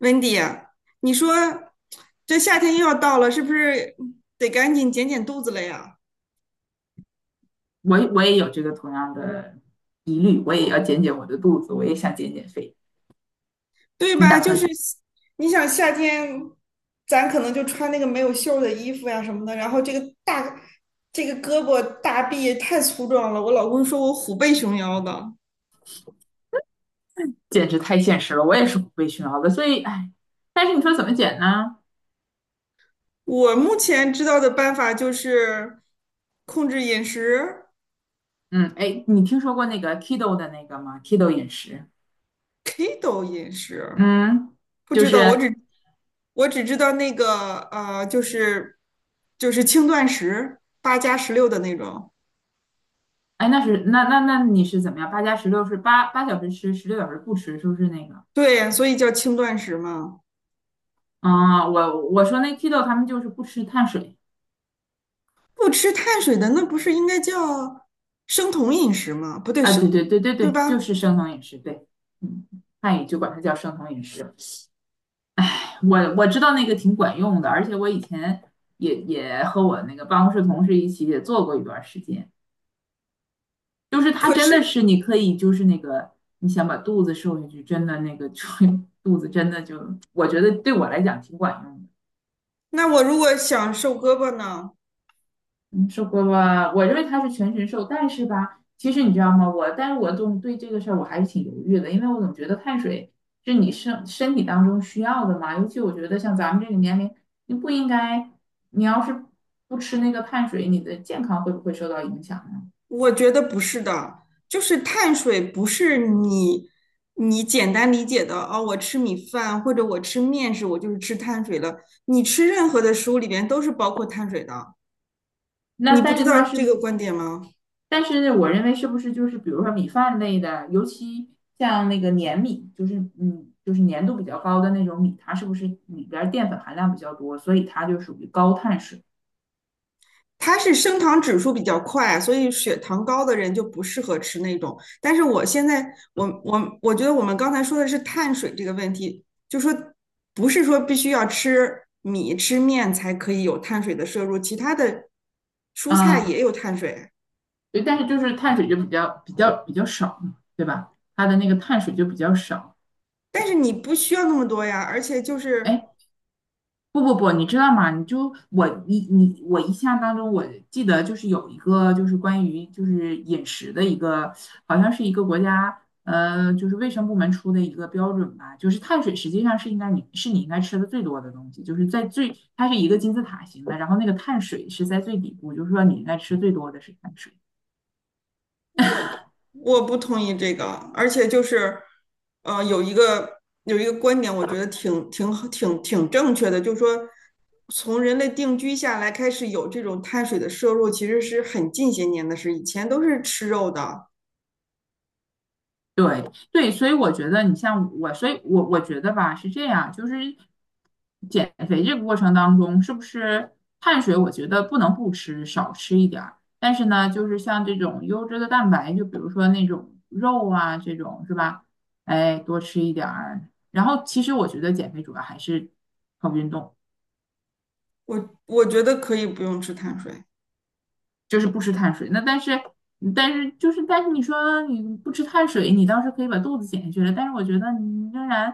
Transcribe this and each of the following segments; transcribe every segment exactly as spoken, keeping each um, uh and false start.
Wendy，啊你说这夏天又要到了，是不是得赶紧减减肚子了呀？我我也有这个同样的疑虑，我也要减减我的肚子，我也想减减肥。对你吧？打就是算你想夏天，咱可能就穿那个没有袖儿的衣服呀什么的，然后这个大这个胳膊大臂也太粗壮了。我老公说我虎背熊腰的。简直太现实了，我也是不被熏陶的，所以哎，但是你说怎么减呢？我目前知道的办法就是控制饮食嗯，哎，你听说过那个 keto 的那个吗？keto 饮食，，keto 饮食。嗯，不就知是道，我只我只知道那个呃，就是就是轻断食，八加十六的那种。哎，那是那那那你是怎么样？八加十六是八八小时吃，十六小时不吃，是不是那个？对，所以叫轻断食嘛。啊、我我说那 keto 他们就是不吃碳水不吃碳水的，那不是应该叫生酮饮食吗？不对，啊，生，对对对对对对，就吧？是生酮饮食，对，嗯，汉语就管它叫生酮饮食。我我知道那个挺管用的，而且我以前也也和我那个办公室同事一起也做过一段时间，就是它可真的是，是你可以就是那个你想把肚子瘦下去，真的那个就 肚子真的就我觉得对我来讲挺管用的。那我如果想瘦胳膊呢？嗯，受过吧？我认为他是全身瘦，但是吧，其实你知道吗？我，但是我总对这个事儿我还是挺犹豫的，因为我总觉得碳水是你身身体当中需要的嘛，尤其我觉得像咱们这个年龄，你不应该，你要是不吃那个碳水，你的健康会不会受到影响呢？我觉得不是的，就是碳水不是你你简单理解的哦，我吃米饭或者我吃面食，我就是吃碳水了。你吃任何的食物里边都是包括碳水的，你那不但知是道它是，这个观点吗？但是我认为是不是就是比如说米饭类的，尤其像那个粘米，就是嗯，就是粘度比较高的那种米，它是不是里边儿淀粉含量比较多，所以它就属于高碳水。它是升糖指数比较快，所以血糖高的人就不适合吃那种。但是我现在，我我我觉得我们刚才说的是碳水这个问题，就说不是说必须要吃米吃面才可以有碳水的摄入，其他的蔬菜嗯，也有碳水，对，但是就是碳水就比较比较比较少嘛，对吧？它的那个碳水就比较少。但是你不需要那么多呀。而且就是哎，不不不，你知道吗？你就我你你我印象当中，我记得就是有一个就是关于就是饮食的一个，好像是一个国家呃就是卫生部门出的一个标准吧，就是碳水实际上是应该你是你应该吃的最多的东西，就是在最它是一个金字塔型的，然后那个碳水是在最底部，就是说你应该吃最多的是碳水。我我不同意这个，而且就是，呃，有一个有一个观点，我觉得挺挺挺挺正确的，就是说，从人类定居下来开始有这种碳水的摄入，其实是很近些年的事，以前都是吃肉的。对对，所以我觉得你像我，所以我我觉得吧是这样，就是减肥这个过程当中，是不是碳水？我觉得不能不吃，少吃一点儿。但是呢，就是像这种优质的蛋白，就比如说那种肉啊，这种是吧？哎，多吃一点儿。然后其实我觉得减肥主要还是靠运动。我我觉得可以不用吃碳水。就是不吃碳水。那但是，嗯但是就是，但是你说你不吃碳水，你倒是可以把肚子减下去了。但是我觉得你仍然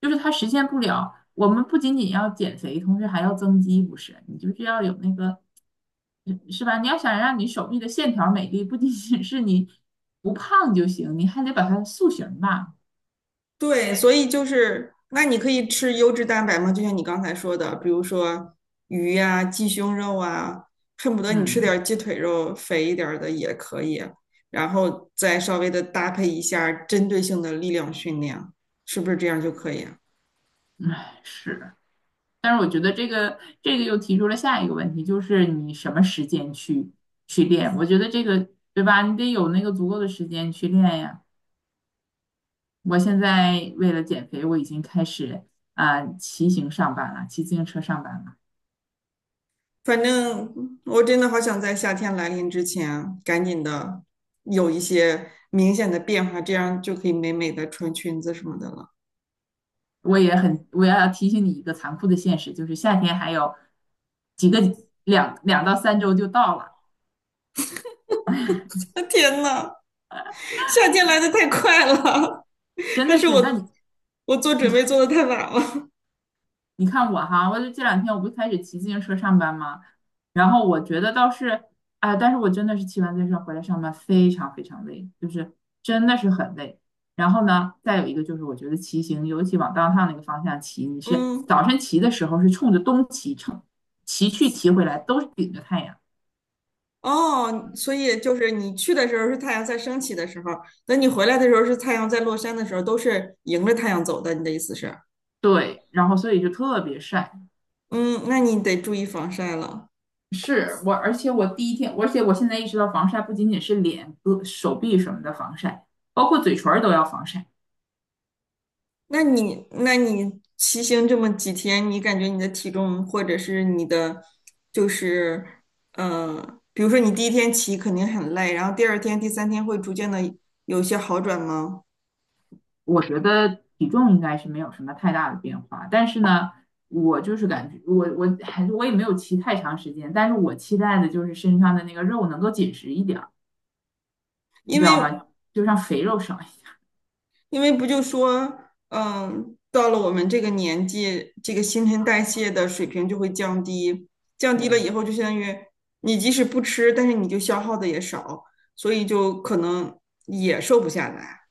就是它实现不了。我们不仅仅要减肥，同时还要增肌，不是？你就是要有那个，是吧？你要想让你手臂的线条美丽，不仅仅是你不胖就行，你还得把它塑形吧。对，所以就是，那你可以吃优质蛋白吗？就像你刚才说的，比如说鱼呀、鸡胸肉啊，恨不得你吃点嗯，儿鸡腿肉，肥一点儿的也可以，然后再稍微的搭配一下针对性的力量训练，是不是这样就可以啊。唉，是。但是我觉得这个这个又提出了下一个问题，就是你什么时间去去练？我觉得这个对吧？你得有那个足够的时间去练呀。我现在为了减肥，我已经开始啊、骑行上班了，骑自行车上班了。反正我真的好想在夏天来临之前，赶紧的有一些明显的变化，这样就可以美美的穿裙子什么的了。我也很，我要提醒你一个残酷的现实，就是夏天还有几个两两到三周就到了，天呐！夏天来的太快了，真还的是是。但我你我做你准备看。做的太晚了。你看我哈，我就这两天我不是开始骑自行车上班吗？然后我觉得倒是，哎，但是我真的是骑完自行车回来上班非常非常累，就是真的是很累。然后呢，再有一个就是我觉得骑行，尤其往 d o 那个方向骑，你是嗯，早晨骑的时候是冲着东骑，冲骑去骑回来都是顶着太阳，哦，所以就是你去的时候是太阳在升起的时候，等你回来的时候是太阳在落山的时候，都是迎着太阳走的。你的意思是？对，然后所以就特别晒。嗯，那你得注意防晒了。是我，而且我第一天，而且我现在意识到防晒不仅仅是脸、胳手臂什么的防晒，包括嘴唇儿都要防晒。那你那你骑行这么几天，你感觉你的体重或者是你的就是呃，比如说你第一天骑肯定很累，然后第二天、第三天会逐渐的有一些好转吗？我觉得体重应该是没有什么太大的变化，但是呢，我就是感觉我我还是我也没有骑太长时间，但是我期待的就是身上的那个肉能够紧实一点儿，你因知道为吗？就让肥肉少一点因为不就说，嗯，到了我们这个年纪，这个新陈代谢的水平就会降低，降对，低了以后就相当于你即使不吃，但是你就消耗的也少，所以就可能也瘦不下来。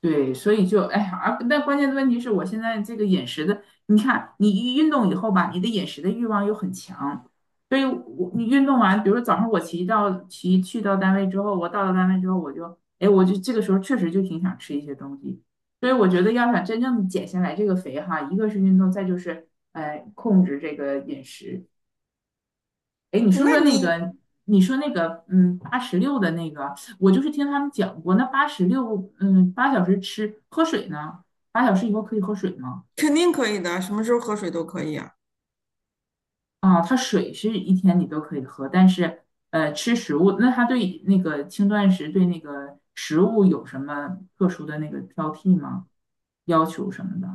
对，所以就哎呀，而但关键的问题是我现在这个饮食的，你看你一运动以后吧，你的饮食的欲望又很强，所以我你运动完，比如说早上我骑到骑去到单位之后，我到了单位之后，我就哎，我就这个时候确实就挺想吃一些东西，所以我觉得要想真正减下来这个肥哈，一个是运动，再就是呃控制这个饮食，哎，你说那说那你个，你说那个，嗯，八十六的那个，我就是听他们讲过，那八十六，嗯，八小时吃喝水呢，八小时以后可以喝水吗？肯定可以的，什么时候喝水都可以啊。啊，它水是一天你都可以喝，但是呃，吃食物，那它对那个轻断食对那个食物有什么特殊的那个挑剔吗？要求什么的？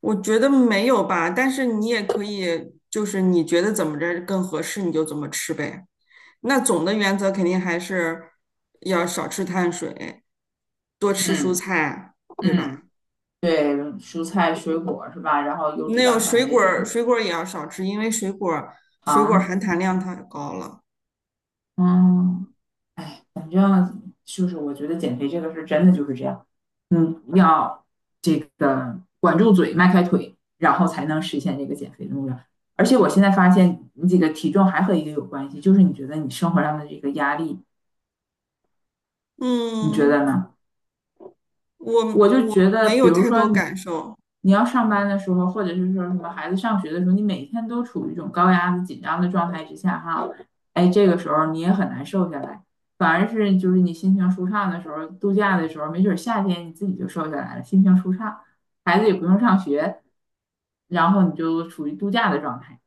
我觉得没有吧，但是你也可以，就是你觉得怎么着更合适，你就怎么吃呗。那总的原则肯定还是要少吃碳水，多吃蔬嗯菜，对吧？嗯，对，蔬菜水果是吧？然后优质那有蛋水白果这儿种水果儿也要少吃，因为水果儿水果儿糖，含糖量太高了。嗯，嗯，就是我觉得减肥这个是真的就是这样，嗯，要这个管住嘴，迈开腿，然后才能实现这个减肥的目标。而且我现在发现，你这个体重还和一个有关系，就是你觉得你生活上的这个压力，你觉嗯，得呢？我我就我觉得，没比有如太说多你感受。你要上班的时候，或者是说什么孩子上学的时候，你每天都处于一种高压的紧张的状态之下，哈，哎，这个时候你也很难瘦下来。反而是就是你心情舒畅的时候，度假的时候，没准儿夏天你自己就瘦下来了，心情舒畅，孩子也不用上学，然后你就处于度假的状态。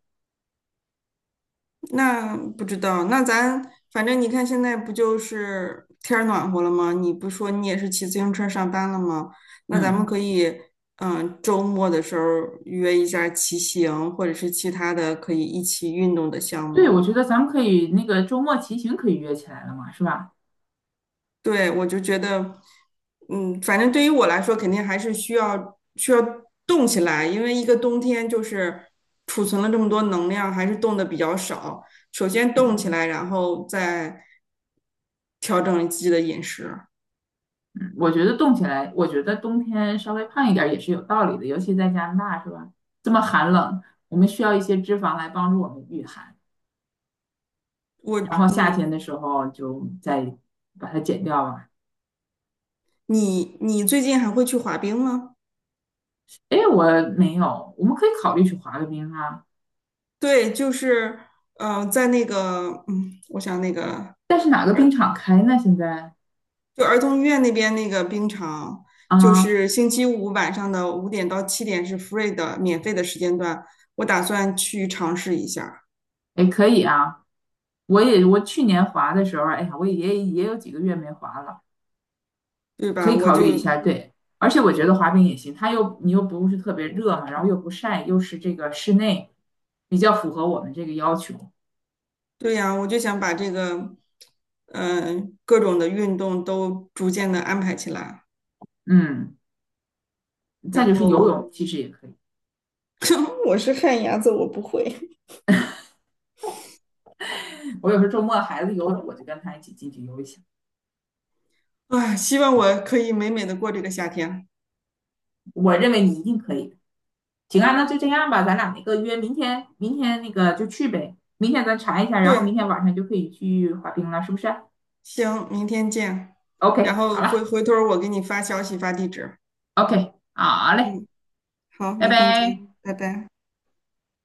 那不知道，那咱反正你看现在不就是天儿暖和了吗？你不说你也是骑自行车上班了吗？那咱们嗯，可以，嗯，周末的时候约一下骑行，或者是其他的可以一起运动的项对，目。我觉得咱们可以那个周末骑行可以约起来了嘛，是吧？对，我就觉得，嗯，反正对于我来说，肯定还是需要需要动起来，因为一个冬天就是储存了这么多能量，还是动的比较少。首先动起嗯。来，然后再调整自己的饮食。我觉得冻起来，我觉得冬天稍微胖一点儿也是有道理的，尤其在加拿大是吧？这么寒冷，我们需要一些脂肪来帮助我们御寒，我，然后夏嗯，天的时候就再把它减掉吧。你你最近还会去滑冰吗？哎，我没有，我们可以考虑去滑个冰啊，对，就是，嗯，在那个，嗯，我想那个，但是哪个冰呃场开呢？现在就儿童医院那边那个冰场，就啊，是星期五晚上的五点到七点是 free 的免费的时间段，我打算去尝试一下，哎，可以啊，我也我去年滑的时候，哎呀，我也也有几个月没滑了。对可吧？以我考虑一就下，对。而且我觉得滑冰也行，它又你又不是特别热嘛，然后又不晒，又是这个室内，比较符合我们这个要求。对呀，我就想把这个，嗯、各种的运动都逐渐的安排起来，嗯，再然就是游后，泳，其实也可以。我是旱鸭子，我不会。我有时候周末孩子游泳，我就跟他一起进去游一下。啊。希望我可以美美的过这个夏天。我认为你一定可以的。行啊，那就这样吧，咱俩那个约明天，明天那个就去呗。明天咱查一下，然后对，明天晚上就可以去滑冰了，是不是啊行，明天见，然？OK，后好回了回头儿我给你发消息发地址。，OK，好嘞，嗯，好，拜明天拜。见，拜拜。